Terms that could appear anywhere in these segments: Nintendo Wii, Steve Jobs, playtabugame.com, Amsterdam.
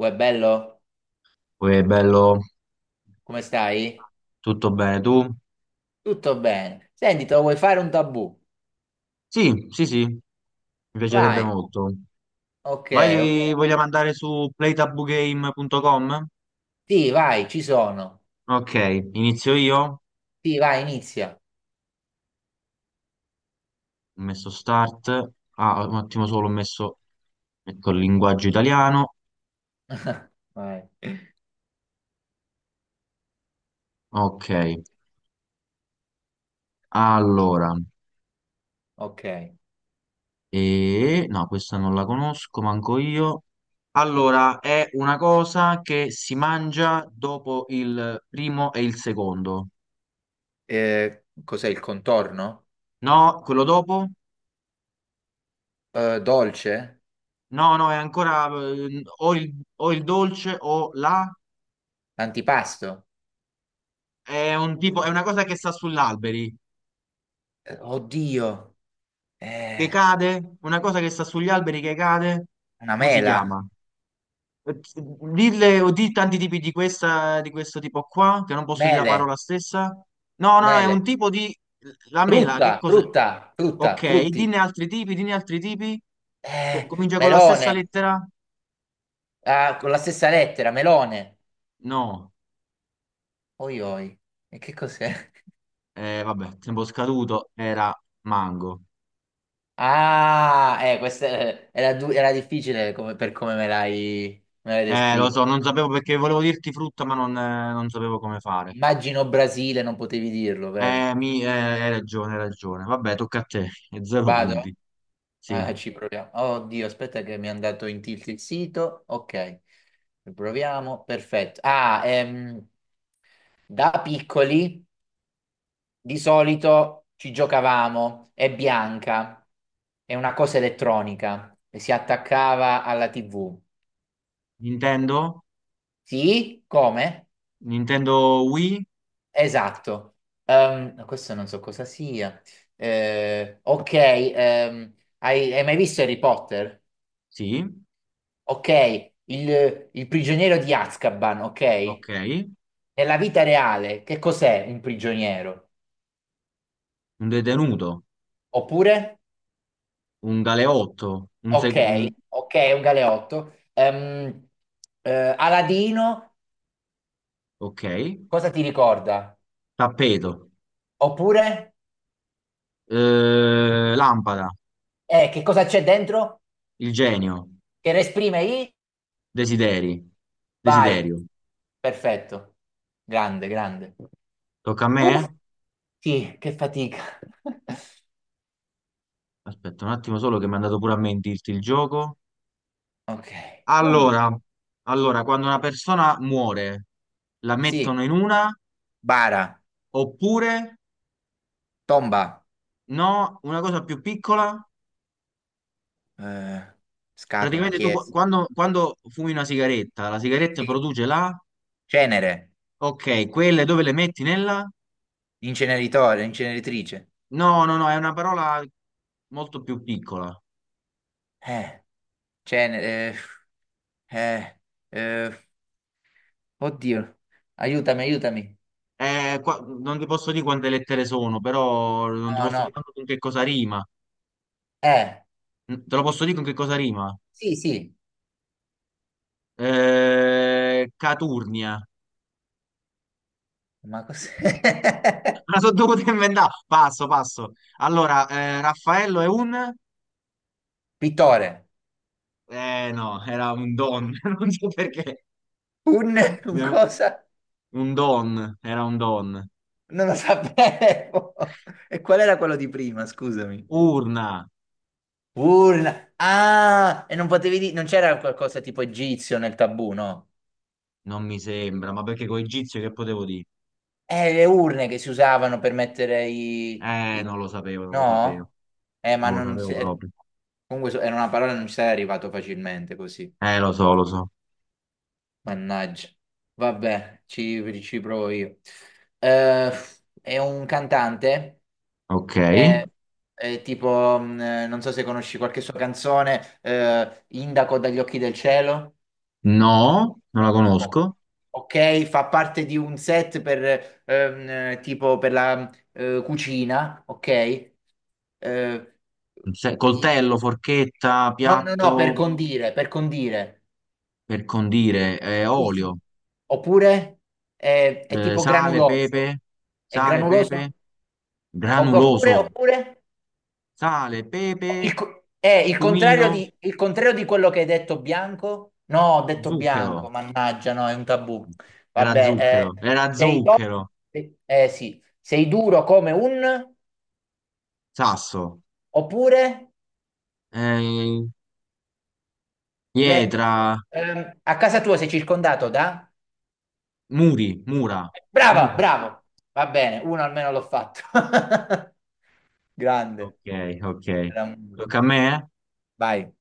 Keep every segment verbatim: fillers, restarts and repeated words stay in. Uè, bello? Poi è bello, Come stai? tutto bene. Tu? Tutto bene. Senti, te lo vuoi fare un tabù? Sì, sì, sì, mi piacerebbe Vai. molto. Ok, ok. Vai, vogliamo andare su playtabugame punto com? Sì, vai, ci sono. Ok, inizio io. Ho Sì, vai, inizia. messo start. Ah, un attimo solo, ho messo, ecco, il linguaggio italiano. Vai. Ok, allora, Ok. e... no, questa non la conosco, manco io. Allora, è una cosa che si mangia dopo il primo e il secondo. Eh, cos'è il contorno? No, quello dopo? Eh, dolce? No, no, è ancora eh, o il, o il dolce o la. Antipasto? È un tipo, è una cosa che sta sugli alberi, Eh, oddio. che Eh, cade, una cosa che sta sugli alberi che cade. una Come si mela. chiama? Eh, Dille o di tanti tipi di questa, di questo tipo qua, che non posso dire la Mele. parola stessa. No, no, no, è un Mele. tipo di la mela, che Frutta, cos'è? frutta, frutta, Ok, frutti. dinne altri tipi, dinne altri tipi. Co- Eh, Comincia con la stessa melone. lettera? Ah, con la stessa lettera, melone. No, Oi, oi. E che cos'è? eh, vabbè, tempo scaduto, era mango. Ah, eh, questa eh, era, du- era difficile come- per come me l'hai me l'hai Eh, lo descritto. so, non sapevo perché volevo dirti frutta, ma non, eh, non sapevo come fare. Immagino Brasile, non potevi dirlo, vero? Eh, mi, eh, hai ragione, hai ragione. Vabbè, tocca a te. E zero Vado? punti. Sì. Ah, ci proviamo. Oddio, aspetta che mi è andato in tilt il sito. Ok, proviamo. Perfetto. Ah, ehm, da piccoli di solito ci giocavamo. È bianca, è una cosa elettronica e si attaccava alla T V. Nintendo? Sì? Come? Nintendo Wii? Esatto. Ehm, no, questo non so cosa sia. Eh, ok, ehm, hai, hai mai visto Harry Potter? Sì. Ok, il, il prigioniero di Azkaban, ok? Ok. Nella vita reale, che cos'è un prigioniero? Un detenuto. Oppure? Un galeotto. Un, Ok, seg- un- ok, è un galeotto. Ehm, eh, Aladino, Ok. cosa ti ricorda? Tappeto. Oppure? Eh, lampada. Eh, che cosa c'è dentro? Il genio. Che esprime i? Desideri. Vai, Desiderio. perfetto. Grande, grande. Tocca a me? Uff, sì, che fatica. Aspetta un attimo solo che mi è andato pure a me in dirti il gioco. Ok. Oh, Allora, allora, quando una persona muore, la sì, mettono in una, bara, oppure tomba, no, una cosa più piccola, eh, scatola, praticamente tu qu- chiesa. quando, quando fumi una sigaretta, la sigaretta Sì, produce la, cenere, ok, quelle dove le metti nella? inceneritore, inceneritrice. No, no, no, è una parola molto più piccola. Eh, cenere, eh, eh, eh, oddio, aiutami, aiutami. Eh, qua- non ti posso dire quante lettere sono, però non ti No, posso no. dire manco con che cosa rima. Eh, Te lo posso dire con che cosa rima? sì, sì, Eh, Caturnia. ma cos'è? Me la sono dovuta inventare. Passo, passo. Allora, eh, Raffaello è un... Pittore. Eh no, era un don. Non so perché. Un, un cosa? Un don, era un don. Non lo sapevo. E qual era quello di prima, scusami? Urna, Urna. Ah, e non potevi dire, non c'era qualcosa tipo egizio nel tabù, no? non mi sembra, ma perché con egizio che potevo dire? Eh, le urne che si usavano per mettere i... Eh, i- non lo sapevo, non lo sapevo. No? Eh, ma Non lo non... si- sapevo eh, proprio. comunque so- era una parola non ci sarei arrivato facilmente così. Eh, lo so, lo so. Mannaggia. Vabbè, ci, ci provo io. Eh, è un cantante, Ok. eh, eh, tipo, mh, eh, non so se conosci qualche sua canzone, eh, Indaco dagli occhi del cielo. No, non la o- conosco. ok, fa parte di un set per ehm, tipo per la eh, cucina, ok? Eh, Se- i- Coltello, forchetta, no, no, no, per piatto condire, per condire. per condire, eh, Sì, olio, sì. Oppure è, è eh, tipo sale, granuloso. pepe, È sale, pepe. granuloso? Opp- Oppure, Granuloso, oppure? sale, Il, pepe, co- eh, il contrario cumino, di, il contrario di quello che hai detto bianco? No, ho detto bianco, zucchero. mannaggia, no, è un tabù. Era Vabbè, zucchero, eh, era sei to- zucchero, eh, sì, sei duro come un... sasso, Oppure eh, le- pietra, ehm, a casa tua sei circondato da... muri, mura, Brava, muro. bravo. Va bene, uno almeno l'ho fatto. Grande. Ok, ok. Era un- Tocca a me? Eh? Vai.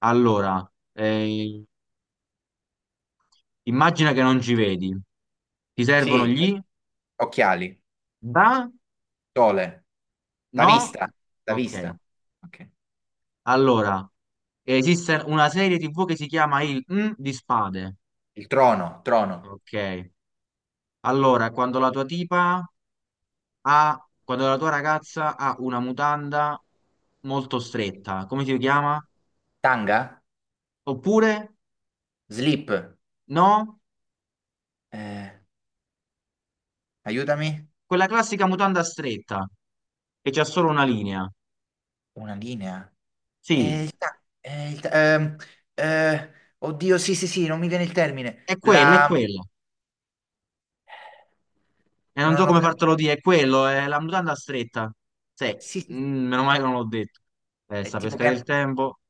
Allora, eh, immagina che non ci vedi. Ti servono Sì, gli occhiali, da? sole, la No? vista, la Ok. vista. Ok. Allora, esiste una serie tivù che si chiama il M di spade. Il trono, trono, Ok. Allora, quando la tua tipa ha, quando la tua ragazza ha una mutanda molto stretta, come si chiama? tanga, Oppure, slip, no? eh, aiutami, Quella classica mutanda stretta, che c'ha solo una linea. una linea. Eh, Sì, il ta- eh, il ta- ehm, eh, oddio, sì, sì, sì, non mi viene il termine. è quella, è La... quella. E non so Non ho come capito. fartelo dire, è quello, è la mutanda stretta. Sì, Sì, sì, sì. mm, meno male che non l'ho detto. Eh, è sta tipo pesca del che... tempo.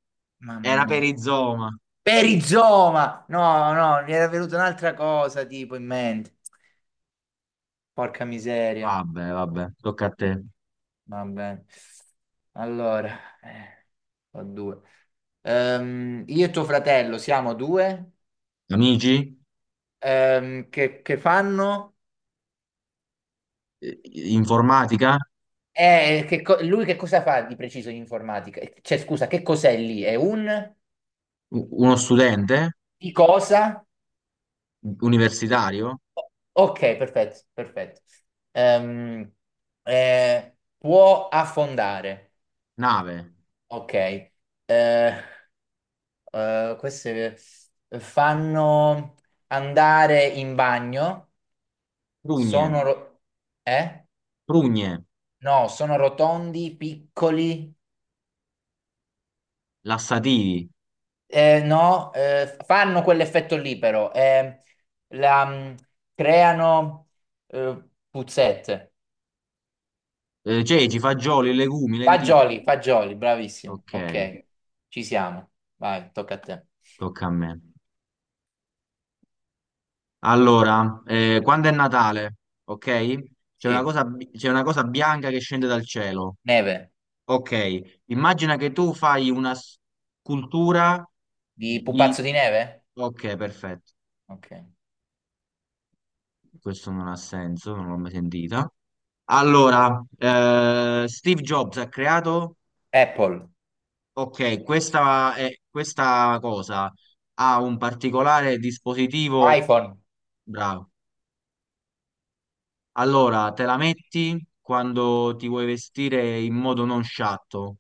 Mamma Era per mia. i zooma. Perizoma! No, no, mi era venuta un'altra cosa tipo in mente. Porca miseria. Vabbè, vabbè, tocca a te. Va bene. Allora, eh, ho due. Ehm, io e tuo fratello siamo due? Amici? Ehm, che, che fanno? Eh, Informatica? Eh, che co- lui che cosa fa di preciso in informatica? Cioè, scusa, che cos'è lì? È un U- Uno studente? di cosa? Universitario. O- Ok, perfetto, perfetto. Ehm, eh, può affondare. Nave. Ok. Eh, eh, queste fanno andare in bagno. Prugne. Sono, ro- eh? Prugne. No, sono rotondi, piccoli. Lassativi. Eh, no, eh, fanno quell'effetto lì però, eh, la, mm, creano eh, puzzette. Eh, ceci, fagioli, legumi, lenticchie. Fagioli, fagioli, bravissimo. Ok, Ok, ci siamo. Vai, tocca a te. tocca a me. Allora, eh, quando è Natale, ok? C'è una Sì, cosa, bi- c'è una cosa bianca che scende dal cielo. neve. Ok, immagina che tu fai una scultura Di di... pupazzo di neve? Ok, perfetto. Ok. Questo non ha senso, non l'ho mai sentita. Allora, eh, Steve Jobs ha creato. Apple, Ok, questa, è- questa cosa ha un particolare dispositivo. iPhone, Bravo. Allora, te la metti quando ti vuoi vestire in modo non sciatto,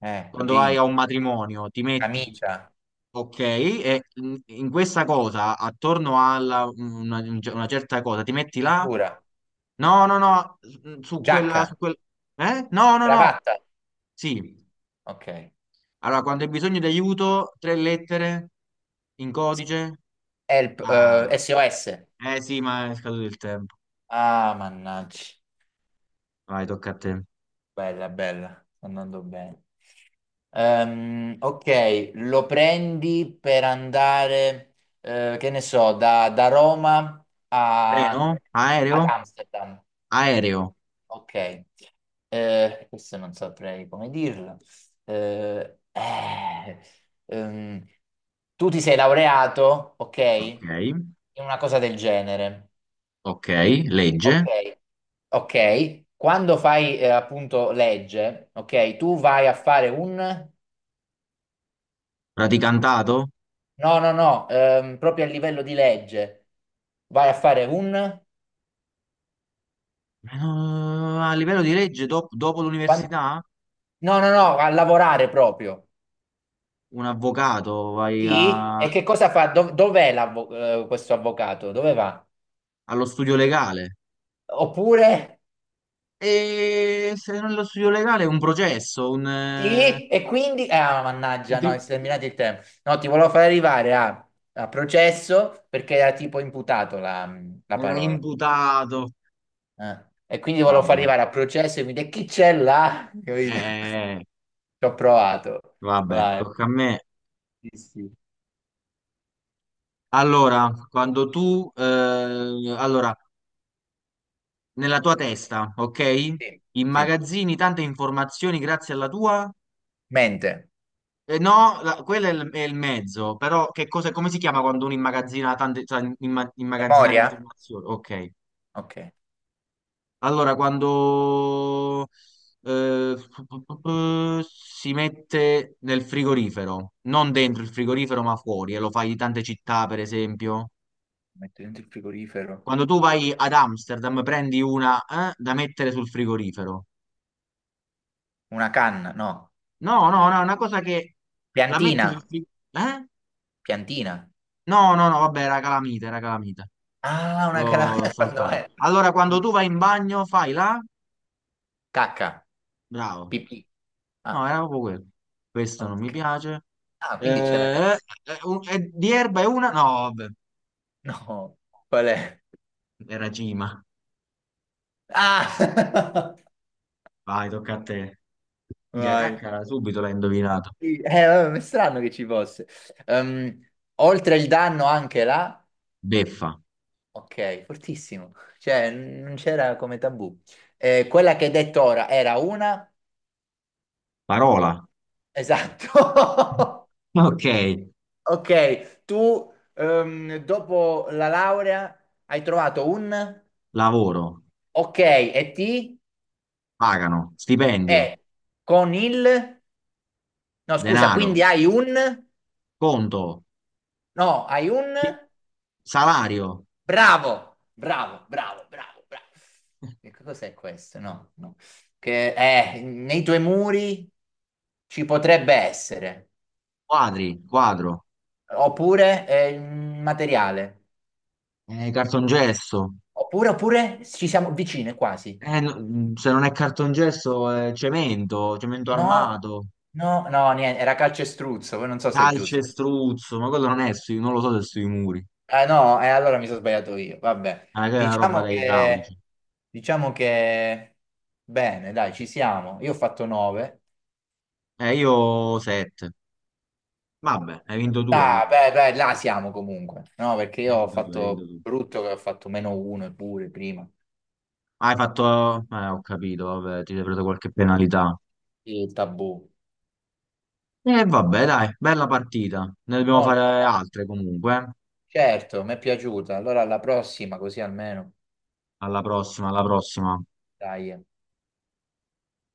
eh, quando vai jeans, a un matrimonio, ti metti. camicia, Ok, e in in questa cosa, attorno alla una, una certa cosa, ti metti là? cintura, No, no, no, su quella, giacca, su quel... Eh? No, no, no. cravatta. Sì. Ok. Allora, quando hai bisogno di aiuto, tre lettere in codice. Help, eh, Ah. S O S. Eh sì, ma è scaduto il tempo. Ah, mannaggia. Vai, tocca a te. Bella, bella, sta andando bene. Ehm, ok, lo prendi per andare, eh, che ne so, da, da Roma Treno? a, Aereo? ad Amsterdam. Aereo. Ok, Eh, questo non saprei come dirlo. Eh, eh, ehm, tu ti sei laureato, ok, in Ok, una cosa del genere. ok, legge. Ok, ok. Quando fai eh, appunto legge, ok, tu vai a fare un... Praticantato? No, no, no, ehm, proprio a livello di legge. Vai a fare un... Eh, no, a livello di legge, dop- dopo quan- l'università, No, no, no, a lavorare proprio. un avvocato, vai Sì, a- e che cosa fa? Dov- Dov'è l'avvo- eh, questo avvocato? Dove va? allo studio legale. Oppure... E se non è lo studio legale, un processo, un... eh, Sì, e quindi... Ah, mannaggia, no, è intri- terminato il tempo. No, ti volevo far arrivare a, a processo perché era tipo imputato la la era parola. imputato. eh. E quindi volevo far Vabbè, arrivare a processo e mi dice chi c'è là? Capito? eh, eh, Ci ho provato. vabbè, Vai. tocca a me. Sì, sì. Allora, quando tu... eh, allora... nella tua testa, ok? Sì, sì. Immagazzini tante informazioni grazie alla tua... Mente. eh, no, la- quello è il, è il mezzo, però che cosa, come si chiama quando uno immagazzina tante, cioè, imma- immagazzinare Memoria? informazioni? Ok. Ok. Allora, quando eh, pu- pu- pu- pu- si mette nel frigorifero, non dentro il frigorifero, ma fuori, e lo fai in tante città, per esempio. Metto dentro il frigorifero. Quando tu vai ad Amsterdam, prendi una eh, da mettere sul frigorifero. Una canna? No. No, no, no, è una cosa che la metti sul Piantina? frigo. Eh? Piantina. No, no, no, vabbè, era calamita, era calamita. Ah, una L'ho caramella quando saltata. vai. Allora, quando tu vai in bagno, fai la? Cacca. Bravo. Pipì. No, Ah, era proprio quello. Questo non mi ok. piace. Ah, quindi c'è la Eh, cacca. eh, un- eh, di erba è una? No, vabbè, No. Qual è? era Gima. Ah! Vai, tocca a te. Minchia, Vai. caccara, subito l'hai indovinato. Sì, eh, vabbè, è strano che ci fosse. Ehm, oltre il danno anche là, Beffa. ok, fortissimo. Cioè, n- non c'era come tabù. Eh, quella che hai detto ora era una? Parola. Esatto. Ok. Ok, tu ehm, dopo la laurea hai trovato un? Lavoro. Ok, e ti? Pagano. E Stipendio. con il? No, scusa, Denaro. quindi hai un? Conto. No, hai un? pi- Salario. Bravo, bravo, bravo, bravo, bravo. Che cos'è questo? No, no. Che eh, nei tuoi muri ci potrebbe essere, Quadri, quadro, oppure è il materiale, eh, cartongesso, oppure, oppure ci siamo vicine quasi. eh, no- mm, se non è cartongesso è cemento, cemento No, armato, no, no, niente, era calcestruzzo, poi non so se è giusto. calcestruzzo, ma quello non è sui, non lo so se è sui muri, Ah no, e allora mi sono sbagliato io, vabbè. ma è una roba Diciamo da idraulici. che, diciamo che, bene, dai, ci siamo. Io ho fatto nove. Eh, io sette. Vabbè, hai vinto tu Dai, allora, beh, beh, là siamo comunque, no? Perché hai io ho vinto tu, hai vinto fatto tu. brutto che ho fatto meno uno pure prima, Ah, Hai fatto, eh, ho capito, vabbè, ti sei preso qualche penalità. il tabù. E vabbè, dai, bella partita, ne dobbiamo fare Molto, molto. altre comunque, eh. Certo, mi è piaciuta. Allora alla prossima, così almeno. Alla prossima, alla prossima. Dai.